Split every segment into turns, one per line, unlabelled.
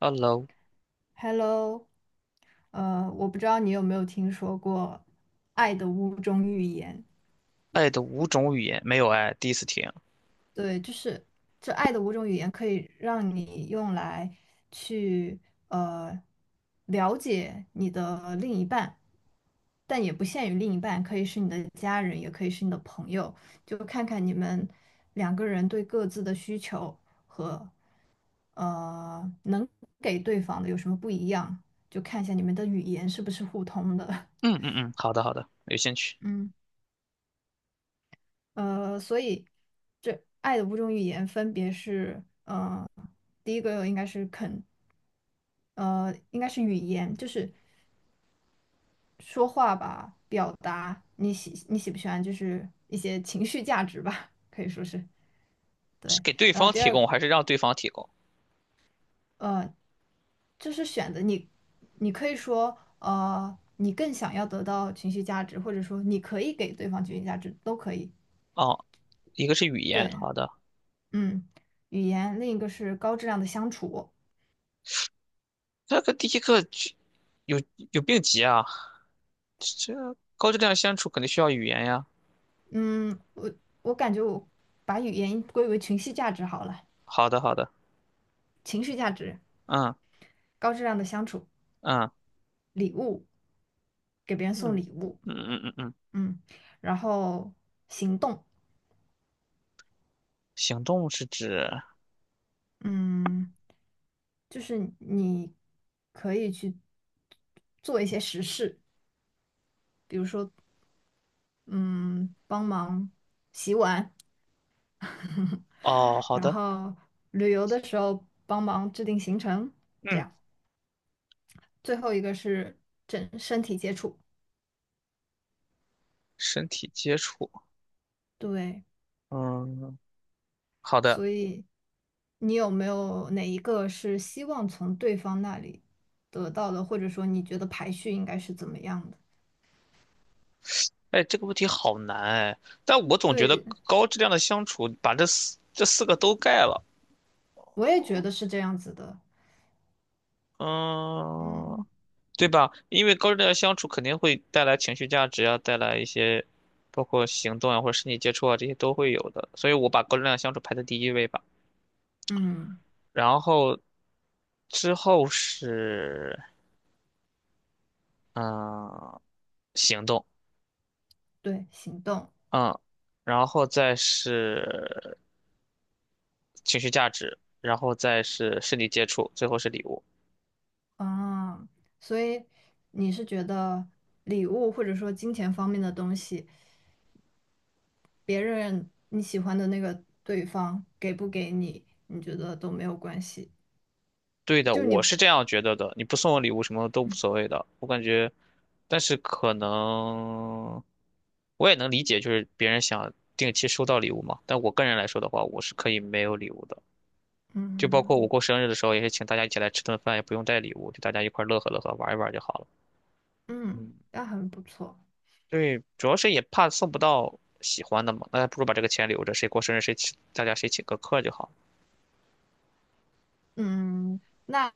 Hello，
Hello，我不知道你有没有听说过《爱的五种语言》。
爱的五种语言没有爱，第一次听。
对，就是这《爱的五种语言》可以让你用来去呃了解你的另一半，但也不限于另一半，可以是你的家人，也可以是你的朋友，就看看你们两个人对各自的需求和能给对方的有什么不一样，就看一下你们的语言是不是互通的。
嗯嗯嗯，好的好的，有兴趣。
嗯所以这爱的五种语言分别是，第一个应该是肯，应该是语言，就是说话吧，表达你喜不喜欢，就是一些情绪价值吧，可以说是
是
对。
给对
然后
方
第
提
二，
供还是让对方提供？
呃，就是选择你，你可以说，你更想要得到情绪价值，或者说你可以给对方情绪价值，都可以。
哦，一个是语言，
对，
好的。
嗯，语言，另一个是高质量的相处。
这个第一个就有有病急啊，这这高质量相处肯定需要语言呀。
嗯，我感觉我把语言归为情绪价值好了，
好的好的，
情绪价值，
嗯
高质量的相处，
嗯
礼物，给别人送
嗯
礼物，
嗯嗯嗯嗯，
嗯，然后行动，
行动是指
嗯，就是你可以去做一些实事，比如说，嗯，帮忙洗碗，
哦，好
然
的，
后旅游的时候帮忙制定行程，这
嗯，
样。最后一个是整身体接触。
身体接触，
对，
嗯，好的。
所以你有没有哪一个是希望从对方那里得到的，或者说你觉得排序应该是怎么样的？
哎，这个问题好难哎，但我总觉得
对，
高质量的相处把这四个都盖了，
我也觉得是这样子的。嗯
嗯，对吧？因为高质量的相处肯定会带来情绪价值啊，带来一些包括行动啊或者身体接触啊这些都会有的，所以我把高质量的相处排在第一位吧。
嗯，
然后之后是嗯行动，
对，行动
嗯，然后再是情绪价值，然后再是身体接触，最后是礼物。
啊，所以你是觉得礼物或者说金钱方面的东西，别人你喜欢的那个对方给不给你，你觉得都没有关系，
对的，
就
我
你
是这样觉得的。你不送我礼物，什么都无所谓的。我感觉，但是可能我也能理解，就是别人想定期收到礼物嘛。但我个人来说的话，我是可以没有礼物的。就包括我
嗯。
过生日的时候，也是请大家一起来吃顿饭，也不用带礼物，就大家一块儿乐呵乐呵，玩一玩就好了。
嗯，
嗯，
那很不错。
对，主要是也怕送不到喜欢的嘛，那还不如把这个钱留着，谁过生日谁请，大家谁请个客就好了。
嗯，那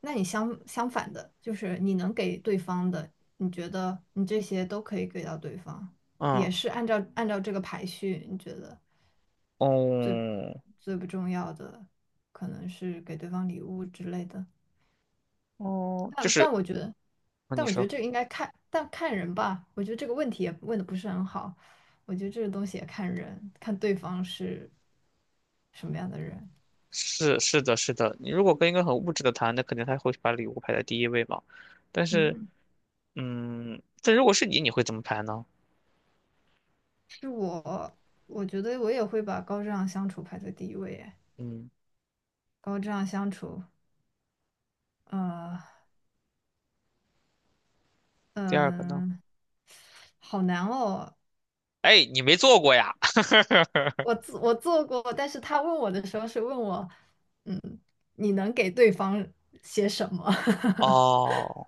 那你相反的，就是你能给对方的，你觉得你这些都可以给到对方，
嗯，
也是按照这个排序，你觉得
哦，
最不重要的可能是给对方礼物之类的。
哦，就
但
是，
我觉得，
那
但
你
我觉得
说。
这个应该看，但看人吧。我觉得这个问题也问的不是很好。我觉得这个东西也看人，看对方是什么样的人。
是是的，是的。你如果跟一个很物质的谈，那肯定他会把礼物排在第一位嘛。但是，
嗯
嗯，但如果是你，你会怎么排呢？
是我，我觉得我也会把高质量相处排在第一位耶。
嗯，
高质量相处，呃，
第二个呢？
嗯，好难哦。
哎，你没做过呀？
我做过，但是他问我的时候是问我，嗯，你能给对方些什么？
哦，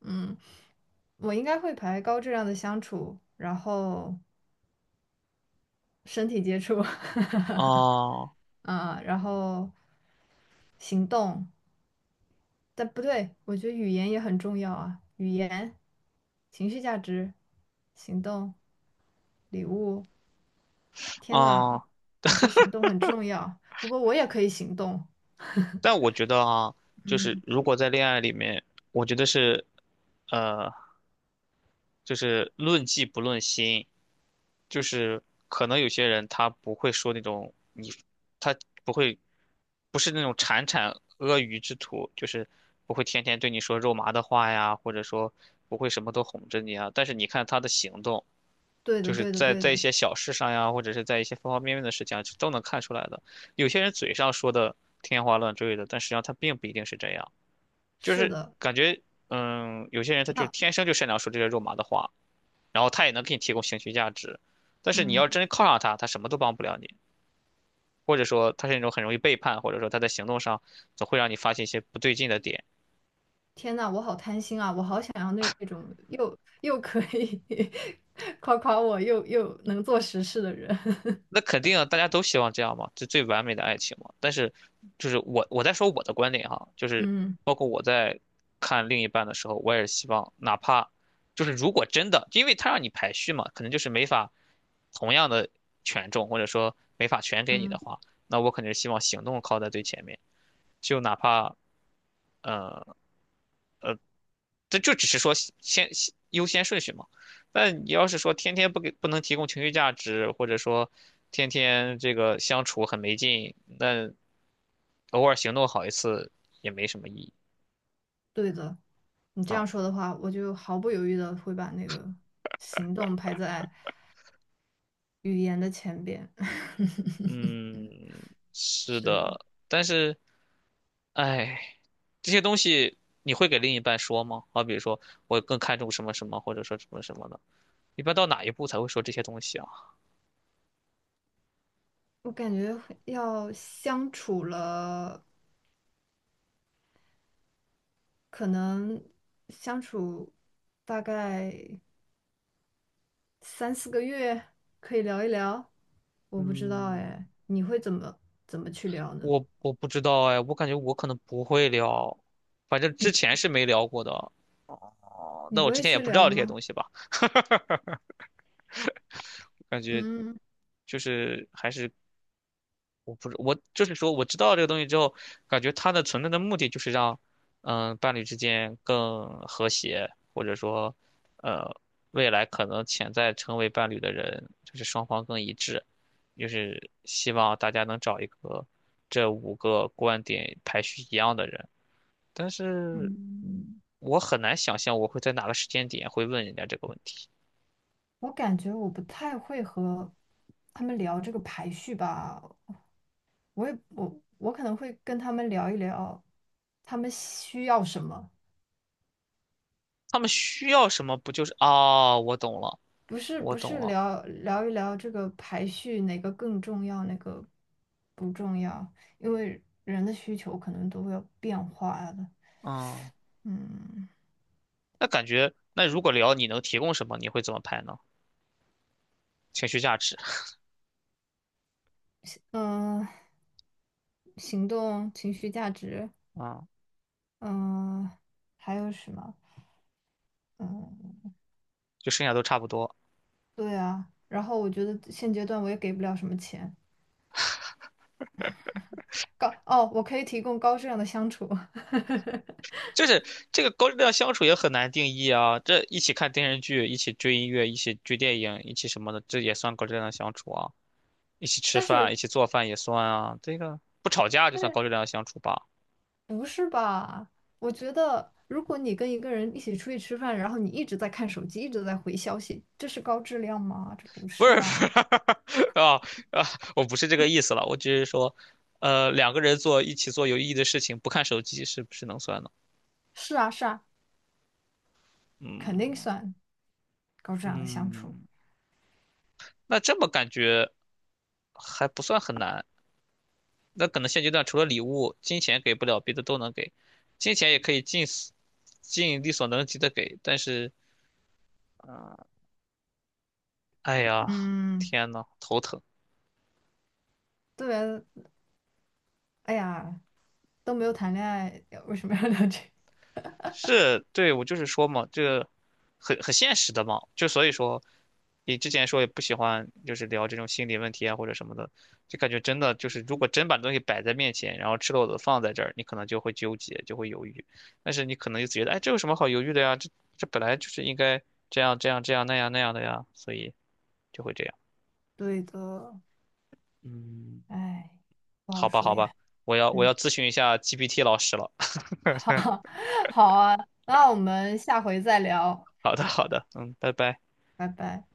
嗯，我应该会排高质量的相处，然后身体接触，
哦，
啊，然后行动，但不对，我觉得语言也很重要啊，语言、情绪价值、行动、礼物。天呐，
哦。
我觉得行动很重要。不过我也可以行动。
但我觉得啊，就是
嗯，
如果在恋爱里面，我觉得是，呃，就是论迹不论心。就是可能有些人他不会说那种你，他不会不是那种铲铲阿谀之徒，就是不会天天对你说肉麻的话呀，或者说不会什么都哄着你啊。但是你看他的行动，
对
就
的，
是
对的，
在
对
在一
的，
些小事上呀，或者是在一些方方面面的事情啊，都能看出来的。有些人嘴上说的天花乱坠的，但实际上他并不一定是这样，就
是
是
的。
感觉，嗯，有些人他就是
那，
天生就擅长说这些肉麻的话，然后他也能给你提供情绪价值，但是你要
嗯，
真靠上他，他什么都帮不了你。或者说他是那种很容易背叛，或者说他在行动上总会让你发现一些不对劲的点。
天呐，我好贪心啊，我好想要那种又可以 夸夸我，又能做实事的人。
那肯定啊大家都希望这样嘛，这最完美的爱情嘛。但是，就是我在说我的观点哈，就是
嗯
包括我在看另一半的时候，我也是希望，哪怕就是如果真的，因为他让你排序嘛，可能就是没法同样的权重，或者说没法全给你的
嗯，
话，那我肯定是希望行动靠在最前面，就哪怕嗯、呃这就只是说先优先顺序嘛。但你要是说天天不能提供情绪价值，或者说天天这个相处很没劲，那偶尔行动好一次也没什么意义
对的。你这
啊。
样说的话，我就毫不犹豫的会把那个行动排在。语言的前边。
嗯，是
是
的，但是哎，这些东西你会给另一半说吗？好比如说我更看重什么什么，或者说什么什么的，一般到哪一步才会说这些东西啊？
我感觉会要相处了，可能相处大概三四个月，可以聊一聊。我不知道
嗯，
哎，你会怎么去聊呢？
我不知道哎，我感觉我可能不会聊，反正之
你
前是没聊过的哦。
你
那
不
我之
会
前也
去
不知
聊
道这些
吗？
东西吧，感觉
嗯
就是还是我不知我就是说我知道这个东西之后，感觉它的存在的目的就是让伴侣之间更和谐，或者说呃未来可能潜在成为伴侣的人，就是双方更一致，就是希望大家能找一个这五个观点排序一样的人。但是
嗯，
我很难想象我会在哪个时间点会问人家这个问题。
我感觉我不太会和他们聊这个排序吧。我也可能会跟他们聊一聊，他们需要什么。
他们需要什么？不就是啊？我懂了，
不是
我
不
懂
是
了。
聊一聊这个排序哪个更重要，哪个不重要，因为人的需求可能都会有变化的。
嗯，
嗯
那感觉，那如果聊你能提供什么，你会怎么拍呢？情绪价值啊、
嗯、行动、情绪价值，
嗯
嗯、还有什么？嗯，
就剩下都差不多。
对啊。然后我觉得现阶段我也给不了什么钱，我可以提供高质量的相处，
就是这个高质量相处也很难定义啊。这一起看电视剧，一起追音乐，一起追电影，一起什么的，这也算高质量相处啊。一起吃
但
饭，
是
一起做饭也算啊。这个不吵架就
但
算
是。
高质量相处吧。
不是吧？我觉得，如果你跟一个人一起出去吃饭，然后你一直在看手机，一直在回消息，这是高质量吗？这不
不是，
是
不是
啊。
啊啊，我不是这个意思了，我只是说，两个人一起做有意义的事情，不看手机是不是能算呢？
是啊，是啊，肯定
嗯
算高质量的相处。
嗯，那这么感觉还不算很难。那可能现阶段除了礼物，金钱给不了，别的都能给，金钱也可以尽力所能及的给，但是，啊，哎呀，
嗯，
天呐，头疼。
对，哎呀，都没有谈恋爱，为什么要聊这个？
是，对，我就是说嘛，这个很现实的嘛，就所以说，你之前说也不喜欢，就是聊这种心理问题啊或者什么的，就感觉真的就是，如果真把东西摆在面前，然后赤裸裸的放在这儿，你可能就会纠结，就会犹豫，但是你可能就觉得，哎，这有什么好犹豫的呀？这本来就是应该这样那样的呀，所以就会这样。
对的，
嗯，
哎，不好
好吧，
说
好吧，
呀。
我要
嗯，
咨询一下 GPT 老师了。
好，好啊，那我们下回再聊，
好的，好的，嗯，拜拜。
拜拜。